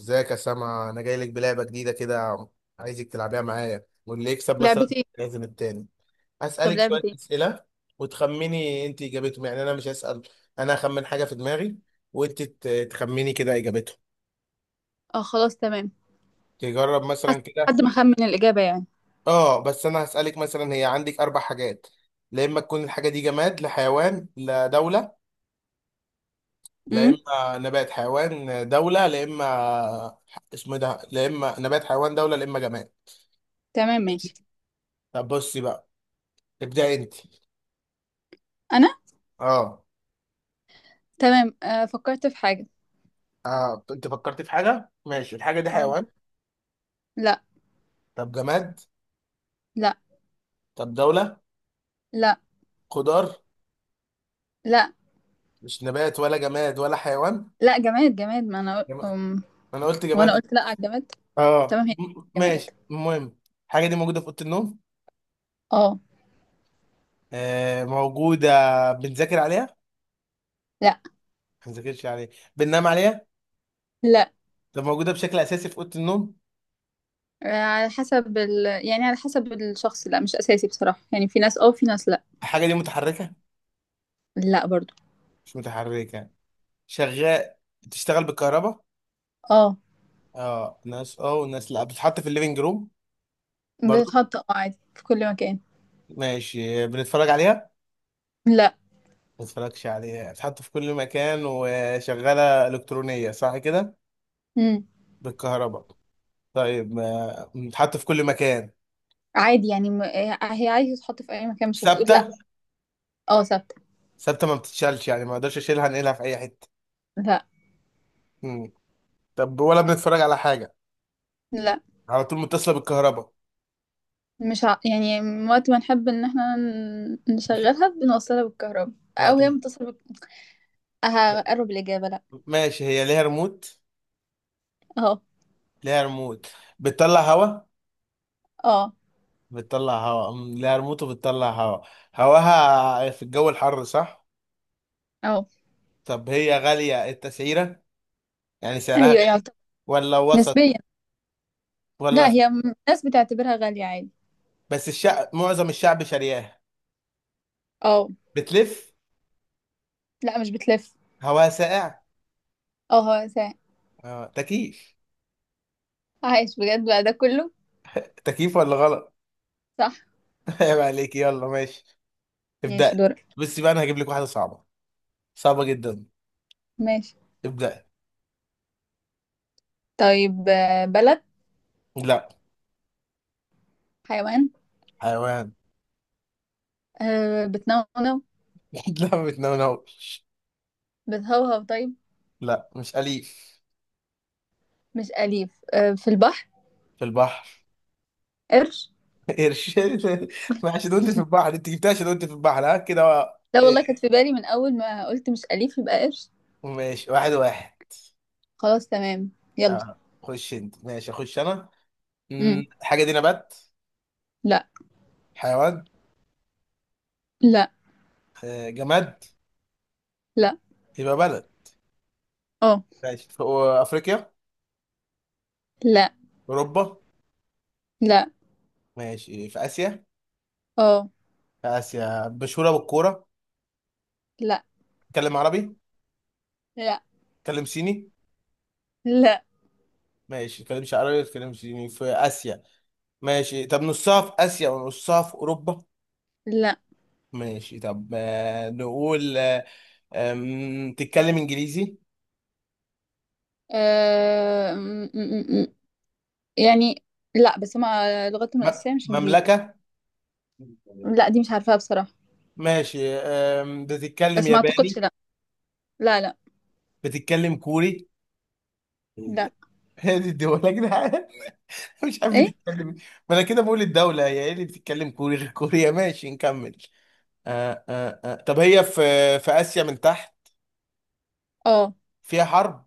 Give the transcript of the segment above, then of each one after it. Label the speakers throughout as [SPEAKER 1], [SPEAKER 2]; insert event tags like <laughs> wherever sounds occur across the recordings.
[SPEAKER 1] ازيك يا سما؟ انا جاي لك بلعبه جديده كده، عايزك تلعبيها معايا، واللي يكسب مثلا
[SPEAKER 2] لعبة ايه؟
[SPEAKER 1] لازم التاني.
[SPEAKER 2] طب
[SPEAKER 1] هسالك
[SPEAKER 2] لعبة
[SPEAKER 1] شويه
[SPEAKER 2] ايه؟
[SPEAKER 1] اسئله وتخمني انت اجابتهم. يعني انا مش هسال، انا هخمن حاجه في دماغي وانت تخمني كده اجابتهم.
[SPEAKER 2] اه، خلاص تمام.
[SPEAKER 1] تجرب
[SPEAKER 2] حس.
[SPEAKER 1] مثلا كده.
[SPEAKER 2] حد ما خمن الإجابة يعني.
[SPEAKER 1] اه، بس انا هسالك مثلا، هي عندك اربع حاجات، لا اما تكون الحاجه دي جماد، لا حيوان، لا دوله، لا
[SPEAKER 2] امم.
[SPEAKER 1] اما نبات حيوان دوله، لا اما اسمه إيه ده، لا اما نبات حيوان دوله، لا اما جماد.
[SPEAKER 2] تمام، ماشي.
[SPEAKER 1] طب بصي بقى. ابدأ انت.
[SPEAKER 2] أنا.
[SPEAKER 1] اه.
[SPEAKER 2] تمام، فكرت في حاجة.
[SPEAKER 1] آه، انت فكرت في حاجه؟ ماشي. الحاجه دي
[SPEAKER 2] اه.
[SPEAKER 1] حيوان؟
[SPEAKER 2] لا.
[SPEAKER 1] طب جماد؟
[SPEAKER 2] لا.
[SPEAKER 1] طب دوله؟
[SPEAKER 2] لا.
[SPEAKER 1] خضار؟
[SPEAKER 2] لا.
[SPEAKER 1] مش نبات ولا جماد ولا حيوان؟
[SPEAKER 2] لا، جماد جماد، ما أنا
[SPEAKER 1] جماد. انا قلت
[SPEAKER 2] وأنا
[SPEAKER 1] جماد.
[SPEAKER 2] قلت لا على الجماد.
[SPEAKER 1] اه،
[SPEAKER 2] تمام، هي جماد.
[SPEAKER 1] ماشي المهم. الحاجه دي موجوده في اوضه النوم؟
[SPEAKER 2] اه.
[SPEAKER 1] آه موجوده. بنذاكر عليها؟
[SPEAKER 2] لا.
[SPEAKER 1] ما بنذاكرش عليها. بننام عليها؟
[SPEAKER 2] لا.
[SPEAKER 1] طب موجوده بشكل اساسي في اوضه النوم؟
[SPEAKER 2] آه، على حسب يعني على حسب الشخص، لا مش أساسي بصراحة، يعني في ناس اه، في ناس لا.
[SPEAKER 1] الحاجه دي متحركه؟
[SPEAKER 2] لا برضو.
[SPEAKER 1] مش متحركه. شغال؟ بتشتغل بالكهرباء؟
[SPEAKER 2] اه،
[SPEAKER 1] اه ناس اه وناس لا. بتتحط في الليفينج روم برضو؟
[SPEAKER 2] بتتحط عادي في كل مكان.
[SPEAKER 1] ماشي. بنتفرج عليها؟
[SPEAKER 2] لا.
[SPEAKER 1] ما تتفرجش عليها حتى. في كل مكان، وشغالة إلكترونية، صح كده؟
[SPEAKER 2] امم.
[SPEAKER 1] بالكهرباء. طيب، بتتحط في كل مكان.
[SPEAKER 2] عادي يعني هي عادي تتحط في أي مكان، مش هتقول لا.
[SPEAKER 1] ثابتة؟
[SPEAKER 2] اه، ثابتة.
[SPEAKER 1] ثابتة، ما بتتشالش، يعني ما اقدرش اشيلها انقلها في اي حتة.
[SPEAKER 2] لا.
[SPEAKER 1] مم. طب ولا بنتفرج على حاجة؟
[SPEAKER 2] لا.
[SPEAKER 1] على طول متصلة بالكهرباء؟
[SPEAKER 2] مش يعني وقت ما نحب ان احنا
[SPEAKER 1] مش-
[SPEAKER 2] نشغلها بنوصلها بالكهرباء، او
[SPEAKER 1] وقت
[SPEAKER 2] هي
[SPEAKER 1] م-
[SPEAKER 2] متصلة. هقرب الاجابة، لا.
[SPEAKER 1] ماشي. هي ليها ريموت؟
[SPEAKER 2] اهو.
[SPEAKER 1] ليها ريموت، بتطلع هوا؟
[SPEAKER 2] اه.
[SPEAKER 1] بتطلع هوا. مم، ليها ريموت وبتطلع هوا، هواها في الجو الحر، صح؟
[SPEAKER 2] اه.
[SPEAKER 1] طب هي غالية التسعيرة؟ يعني سعرها
[SPEAKER 2] ايوه
[SPEAKER 1] غالي
[SPEAKER 2] يعتبر.
[SPEAKER 1] ولا وسط
[SPEAKER 2] نسبيا.
[SPEAKER 1] ولا؟
[SPEAKER 2] لا، هي الناس بتعتبرها غالية عادي.
[SPEAKER 1] بس الشعب، معظم الشعب شارياها.
[SPEAKER 2] اه.
[SPEAKER 1] بتلف؟
[SPEAKER 2] لا، مش بتلف.
[SPEAKER 1] هواها ساقع؟
[SPEAKER 2] اه. هو
[SPEAKER 1] اه، تكييف.
[SPEAKER 2] عايش بجد بقى ده كله.
[SPEAKER 1] تكييف، ولا غلط؟
[SPEAKER 2] صح.
[SPEAKER 1] <laughs> عيب عليك. يلا ماشي، ابدأ.
[SPEAKER 2] ماشي، دورك.
[SPEAKER 1] بس بقى انا هجيب لك واحدة صعبة، صعبة جدا.
[SPEAKER 2] ماشي.
[SPEAKER 1] ابدأ.
[SPEAKER 2] طيب، بلد.
[SPEAKER 1] لا.
[SPEAKER 2] حيوان.
[SPEAKER 1] حيوان؟
[SPEAKER 2] بتنونو.
[SPEAKER 1] <laughs> لا ما بتنونوش.
[SPEAKER 2] بتهوهو طيب.
[SPEAKER 1] لا مش أليف.
[SPEAKER 2] مش أليف، في البحر.
[SPEAKER 1] في البحر؟
[SPEAKER 2] قرش.
[SPEAKER 1] <laughs> قرش. <laughs> ما عشان قلت في البحر انت جبتها، عشان قلت في البحر. ها كده بقى.
[SPEAKER 2] لا
[SPEAKER 1] إيه،
[SPEAKER 2] والله، كانت في بالي من أول ما قلت مش أليف يبقى قرش.
[SPEAKER 1] ماشي، واحد واحد.
[SPEAKER 2] خلاص، تمام. يلا.
[SPEAKER 1] اه خش انت. ماشي، اخش انا.
[SPEAKER 2] امم.
[SPEAKER 1] مم، الحاجة دي نبات؟
[SPEAKER 2] لا.
[SPEAKER 1] حيوان؟
[SPEAKER 2] لا.
[SPEAKER 1] آه، جماد؟
[SPEAKER 2] لا.
[SPEAKER 1] يبقى بلد.
[SPEAKER 2] اه.
[SPEAKER 1] ماشي، في افريقيا؟
[SPEAKER 2] لا.
[SPEAKER 1] اوروبا؟
[SPEAKER 2] لا.
[SPEAKER 1] ماشي، في اسيا.
[SPEAKER 2] اه.
[SPEAKER 1] في اسيا، مشهوره بالكوره؟
[SPEAKER 2] لا.
[SPEAKER 1] تكلم عربي؟
[SPEAKER 2] لا.
[SPEAKER 1] تكلم صيني؟
[SPEAKER 2] لا.
[SPEAKER 1] ماشي، تكلمش عربي، تكلم صيني، في اسيا. ماشي، طب نصها في اسيا ونصها في اوروبا؟
[SPEAKER 2] لا.
[SPEAKER 1] ماشي، طب آه، نقول آه، تتكلم انجليزي؟
[SPEAKER 2] آه... م- م- م- يعني، لا، بس ما لغتهم
[SPEAKER 1] م-
[SPEAKER 2] الأساسية مش إنجليزي.
[SPEAKER 1] مملكه؟
[SPEAKER 2] لا، دي مش عارفاها بصراحة.
[SPEAKER 1] ماشي، بتتكلم
[SPEAKER 2] بس ما أعتقدش،
[SPEAKER 1] ياباني؟
[SPEAKER 2] لا. لا، لا.
[SPEAKER 1] بتتكلم كوري؟
[SPEAKER 2] لا.
[SPEAKER 1] <laughs> هذه الدول يا جدعان. <laughs> مش عارف
[SPEAKER 2] إيه.
[SPEAKER 1] بتتكلم إيه. ما انا كده بقول الدولة هي ايه اللي بتتكلم كوري غير كوريا. <laughs> ماشي نكمل. آه آه آه. طب هي في، في آسيا من تحت؟
[SPEAKER 2] اه.
[SPEAKER 1] فيها حرب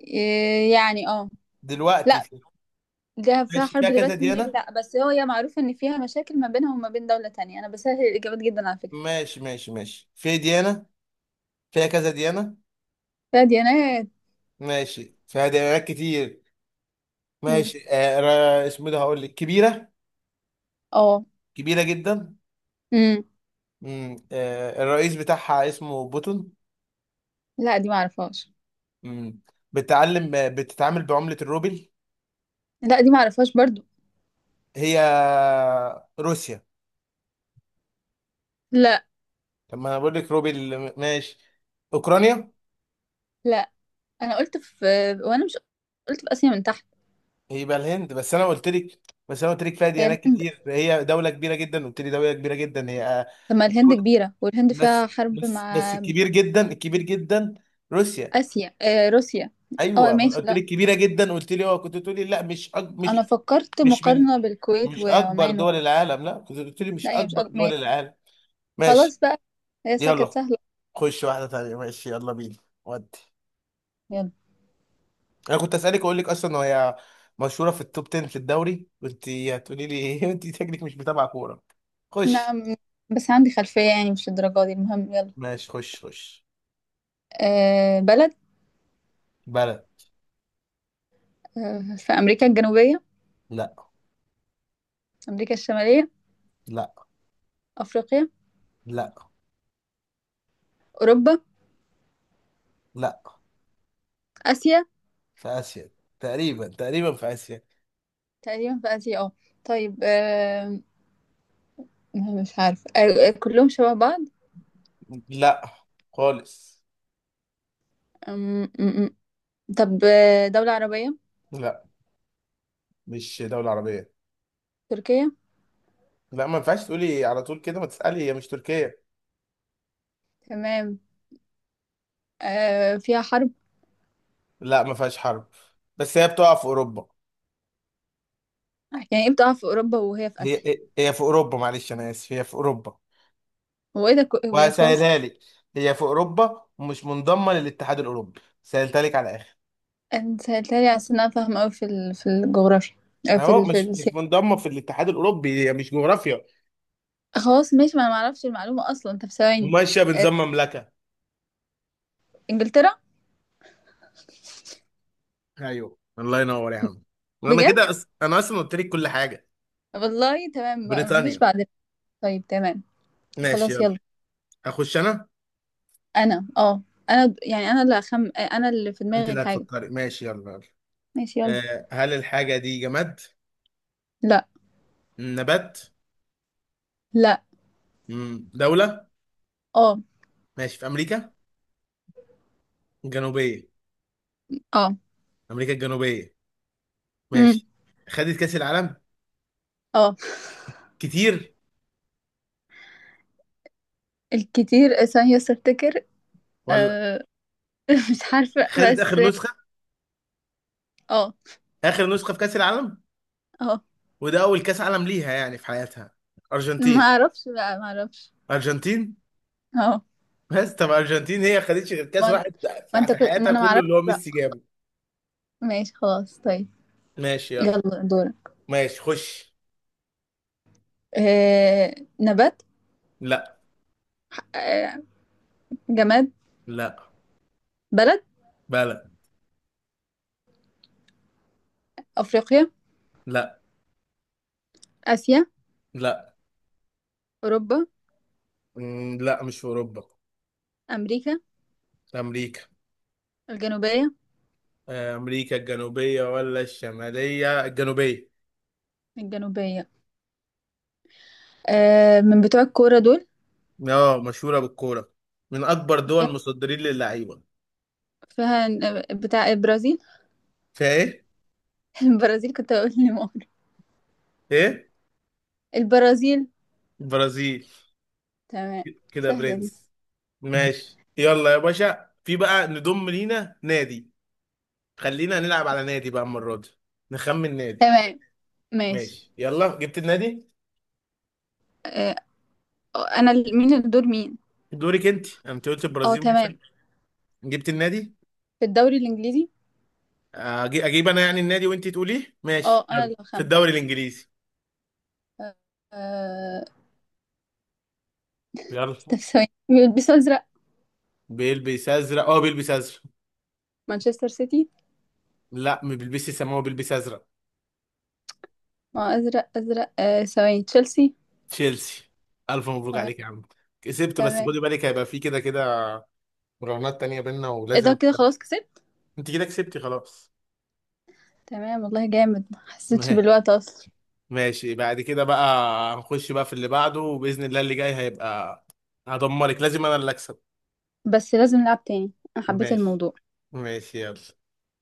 [SPEAKER 2] إيه، يعني اه
[SPEAKER 1] دلوقتي
[SPEAKER 2] لا.
[SPEAKER 1] في؟
[SPEAKER 2] ده فيها
[SPEAKER 1] ماشي،
[SPEAKER 2] حرب
[SPEAKER 1] فيها كذا
[SPEAKER 2] دلوقتي
[SPEAKER 1] ديانة؟
[SPEAKER 2] لا، بس هي معروفة إن فيها مشاكل ما بينها وما بين دولة تانية، أنا بسهل الإجابات جدا على فكرة.
[SPEAKER 1] ماشي ماشي ماشي، في ديانة، فيها كذا ديانة؟
[SPEAKER 2] فيها ديانات.
[SPEAKER 1] ماشي، فيها ديانات كتير.
[SPEAKER 2] امم.
[SPEAKER 1] ماشي آه، اسمه ده. هقول لك، كبيرة،
[SPEAKER 2] اه.
[SPEAKER 1] كبيرة جدا.
[SPEAKER 2] امم.
[SPEAKER 1] مم. آه، الرئيس بتاعها اسمه بوتون.
[SPEAKER 2] لا، دي ما أعرفهاش.
[SPEAKER 1] مم. بتعلم، بتتعامل بعملة الروبل.
[SPEAKER 2] لا، دي معرفهاش برضو.
[SPEAKER 1] هي روسيا؟
[SPEAKER 2] لا.
[SPEAKER 1] طب ما انا بقول لك روبي، ماشي. اوكرانيا؟
[SPEAKER 2] لا، انا قلت في وانا مش قلت في اسيا من تحت.
[SPEAKER 1] يبقى الهند، بس انا قلت لك، بس انا قلت لك فيها
[SPEAKER 2] هي
[SPEAKER 1] ديانات
[SPEAKER 2] الهند.
[SPEAKER 1] كتير، هي دوله كبيره جدا، قلت لي دوله كبيره جدا هي آه،
[SPEAKER 2] طب ما الهند
[SPEAKER 1] الدولة-
[SPEAKER 2] كبيره، والهند فيها
[SPEAKER 1] بس
[SPEAKER 2] حرب
[SPEAKER 1] بس بس،
[SPEAKER 2] مع
[SPEAKER 1] الكبير جدا، الكبير جدا. روسيا.
[SPEAKER 2] اسيا، روسيا. اه،
[SPEAKER 1] ايوه، ما انا
[SPEAKER 2] ماشي،
[SPEAKER 1] قلت
[SPEAKER 2] لا.
[SPEAKER 1] لك كبيره جدا، قلت لي اه، كنت تقولي لا مش
[SPEAKER 2] انا
[SPEAKER 1] مش،
[SPEAKER 2] فكرت
[SPEAKER 1] مش من،
[SPEAKER 2] مقارنه بالكويت
[SPEAKER 1] مش اكبر
[SPEAKER 2] وعمان.
[SPEAKER 1] دول العالم، لا، كنت قلت لي
[SPEAKER 2] لا،
[SPEAKER 1] مش
[SPEAKER 2] هي مش
[SPEAKER 1] اكبر دول
[SPEAKER 2] ماشي.
[SPEAKER 1] العالم. ماشي.
[SPEAKER 2] خلاص بقى. هي كانت
[SPEAKER 1] يلا
[SPEAKER 2] سهله.
[SPEAKER 1] خش واحده تانيه. ماشي يلا بينا. ودي
[SPEAKER 2] يلا.
[SPEAKER 1] انا كنت اسالك، اقول لك اصلا هي مشهوره في التوب 10 في الدوري، وانت هتقولي لي ايه. <laughs> انت شكلك مش متابعه كوره. خش.
[SPEAKER 2] نعم. بس عندي خلفيه، يعني مش الدرجه دي، المهم يلا.
[SPEAKER 1] ماشي، خش خش.
[SPEAKER 2] آه، بلد.
[SPEAKER 1] بلد.
[SPEAKER 2] في امريكا الجنوبيه.
[SPEAKER 1] لا.
[SPEAKER 2] امريكا الشماليه.
[SPEAKER 1] لا.
[SPEAKER 2] افريقيا.
[SPEAKER 1] لا.
[SPEAKER 2] اوروبا.
[SPEAKER 1] لا.
[SPEAKER 2] اسيا.
[SPEAKER 1] في اسيا، تقريبا، تقريبا في اسيا.
[SPEAKER 2] تقريبا في اسيا، اه. طيب. لا، مش عارفة، كلهم شبه بعض.
[SPEAKER 1] لا، خالص.
[SPEAKER 2] أم، أم، أم. طب، دولة عربية.
[SPEAKER 1] لا، مش دوله عربيه.
[SPEAKER 2] تركيا.
[SPEAKER 1] لا، ما ينفعش تقولي على طول كده، ما تسالي. هي مش تركيا.
[SPEAKER 2] تمام. فيها حرب.
[SPEAKER 1] لا ما فيهاش حرب. بس هي بتقع في اوروبا.
[SPEAKER 2] يعني ايه بتقع في أوروبا وهي في آسيا؟
[SPEAKER 1] هي، هي في اوروبا، معلش انا اسف، هي في اوروبا.
[SPEAKER 2] هو ايه ده كو- هو إيه؟ خلاص.
[SPEAKER 1] وهسهلها لك، هي في اوروبا ومش منضمه للاتحاد الاوروبي، سهلتها لك على الاخر.
[SPEAKER 2] انت سألتني على أساس إن أنا فاهمة أوي في الجغرافيا،
[SPEAKER 1] اهو،
[SPEAKER 2] في
[SPEAKER 1] مش مش
[SPEAKER 2] السياسة.
[SPEAKER 1] منضمه في الاتحاد الاوروبي، هي مش جغرافيا.
[SPEAKER 2] خلاص ماشي، ما أنا معرفش المعلومة أصلا أنت، في ثواني.
[SPEAKER 1] وماشيه بنظام مملكه.
[SPEAKER 2] إنجلترا.
[SPEAKER 1] ايوه، الله ينور يا عم. انا
[SPEAKER 2] بجد.
[SPEAKER 1] كده انا اصلا قلت لك كل حاجه.
[SPEAKER 2] والله تمام، ما فيش
[SPEAKER 1] بريطانيا.
[SPEAKER 2] بعد. طيب، تمام.
[SPEAKER 1] ماشي
[SPEAKER 2] خلاص،
[SPEAKER 1] يلا.
[SPEAKER 2] يلا.
[SPEAKER 1] اخش انا.
[SPEAKER 2] أنا اه أنا يعني أنا اللي في
[SPEAKER 1] انت
[SPEAKER 2] دماغي
[SPEAKER 1] اللي
[SPEAKER 2] الحاجة.
[SPEAKER 1] هتفكري، ماشي يلا يلا.
[SPEAKER 2] ماشي، يلا.
[SPEAKER 1] أه، هل الحاجه دي جماد؟
[SPEAKER 2] لا.
[SPEAKER 1] نبات؟
[SPEAKER 2] لا.
[SPEAKER 1] مم، دوله؟
[SPEAKER 2] اه.
[SPEAKER 1] ماشي، في امريكا الجنوبيه؟
[SPEAKER 2] اه.
[SPEAKER 1] امريكا الجنوبيه،
[SPEAKER 2] امم.
[SPEAKER 1] ماشي. خدت كاس العالم
[SPEAKER 2] اه.
[SPEAKER 1] كتير
[SPEAKER 2] الكتير، ثانية استفتكر.
[SPEAKER 1] ولا؟
[SPEAKER 2] أه <laughs> مش عارفة
[SPEAKER 1] خدت اخر
[SPEAKER 2] بس.
[SPEAKER 1] نسخه،
[SPEAKER 2] اه.
[SPEAKER 1] اخر نسخه في كاس العالم،
[SPEAKER 2] اه.
[SPEAKER 1] وده اول كاس عالم ليها يعني في حياتها.
[SPEAKER 2] ما
[SPEAKER 1] ارجنتين.
[SPEAKER 2] اعرفش بقى، ما اعرفش.
[SPEAKER 1] ارجنتين.
[SPEAKER 2] اه.
[SPEAKER 1] بس طب ارجنتين هي خدتش غير كاس
[SPEAKER 2] ما,
[SPEAKER 1] واحد
[SPEAKER 2] ما
[SPEAKER 1] في،
[SPEAKER 2] انت
[SPEAKER 1] في
[SPEAKER 2] كنت ما
[SPEAKER 1] حياتها
[SPEAKER 2] انا ما
[SPEAKER 1] كله،
[SPEAKER 2] اعرفش،
[SPEAKER 1] اللي هو
[SPEAKER 2] لا.
[SPEAKER 1] ميسي جابه.
[SPEAKER 2] ماشي خلاص، طيب.
[SPEAKER 1] ماشي يلا.
[SPEAKER 2] يلا دور.
[SPEAKER 1] ماشي خش.
[SPEAKER 2] نبات.
[SPEAKER 1] لا.
[SPEAKER 2] أه جماد.
[SPEAKER 1] لا.
[SPEAKER 2] بلد.
[SPEAKER 1] بلد.
[SPEAKER 2] افريقيا.
[SPEAKER 1] لا.
[SPEAKER 2] اسيا.
[SPEAKER 1] لا.
[SPEAKER 2] اوروبا.
[SPEAKER 1] مم، لا مش في اوروبا.
[SPEAKER 2] امريكا.
[SPEAKER 1] امريكا.
[SPEAKER 2] الجنوبية.
[SPEAKER 1] آه، امريكا الجنوبيه ولا الشماليه؟ الجنوبيه.
[SPEAKER 2] الجنوبية. من بتوع الكورة دول.
[SPEAKER 1] اه، مشهوره بالكوره، من اكبر
[SPEAKER 2] فيها
[SPEAKER 1] دول مصدرين للعيبه.
[SPEAKER 2] فيها بتاع البرازيل.
[SPEAKER 1] فايه؟
[SPEAKER 2] <laughs> البرازيل، كنت اقول لي مؤخر
[SPEAKER 1] ايه؟
[SPEAKER 2] البرازيل.
[SPEAKER 1] برازيل.
[SPEAKER 2] تمام.
[SPEAKER 1] كده يا
[SPEAKER 2] سهلة دي.
[SPEAKER 1] برنس. ماشي يلا يا باشا، في بقى نضم لينا نادي، خلينا نلعب على نادي بقى المرة دي، نخمن نادي.
[SPEAKER 2] تمام، ماشي.
[SPEAKER 1] ماشي يلا، جبت النادي.
[SPEAKER 2] آه، انا مين الدور؟ مين؟
[SPEAKER 1] دورك انت، انت قلت
[SPEAKER 2] اه،
[SPEAKER 1] البرازيل، ماشي.
[SPEAKER 2] تمام.
[SPEAKER 1] جبت النادي.
[SPEAKER 2] في الدوري الانجليزي.
[SPEAKER 1] اجيب انا يعني النادي وانت تقوليه. ماشي
[SPEAKER 2] اه، انا
[SPEAKER 1] يلا،
[SPEAKER 2] اللي
[SPEAKER 1] في
[SPEAKER 2] هخمن.
[SPEAKER 1] الدوري الانجليزي.
[SPEAKER 2] آه.
[SPEAKER 1] يلا.
[SPEAKER 2] طب ثواني، بيلبسوا ازرق؟
[SPEAKER 1] بيلبس ازرق؟ اه بيلبس ازرق.
[SPEAKER 2] مانشستر سيتي.
[SPEAKER 1] لا ما بيلبسش سماوي، بيلبس ازرق.
[SPEAKER 2] ما هو ازرق ازرق، ثواني، تشيلسي.
[SPEAKER 1] تشيلسي. الف مبروك
[SPEAKER 2] تمام.
[SPEAKER 1] عليك يا عم، كسبت. بس
[SPEAKER 2] تمام.
[SPEAKER 1] خدي بالك، هيبقى في كده كده مراهنات تانية بينا،
[SPEAKER 2] ايه
[SPEAKER 1] ولازم
[SPEAKER 2] ده؟ كده
[SPEAKER 1] اكسب.
[SPEAKER 2] خلاص كسبت.
[SPEAKER 1] انت كده كسبتي خلاص.
[SPEAKER 2] تمام والله، جامد، ما
[SPEAKER 1] <laughs>
[SPEAKER 2] حسيتش
[SPEAKER 1] ما-
[SPEAKER 2] بالوقت اصلا.
[SPEAKER 1] ماشي بعد كده بقى، هنخش بقى في اللي بعده، وبإذن الله اللي جاي هيبقى، هدمرك، لازم انا اللي اكسب.
[SPEAKER 2] بس لازم نلعب تاني. انا حبيت
[SPEAKER 1] ماشي.
[SPEAKER 2] الموضوع.
[SPEAKER 1] ماشي يلا.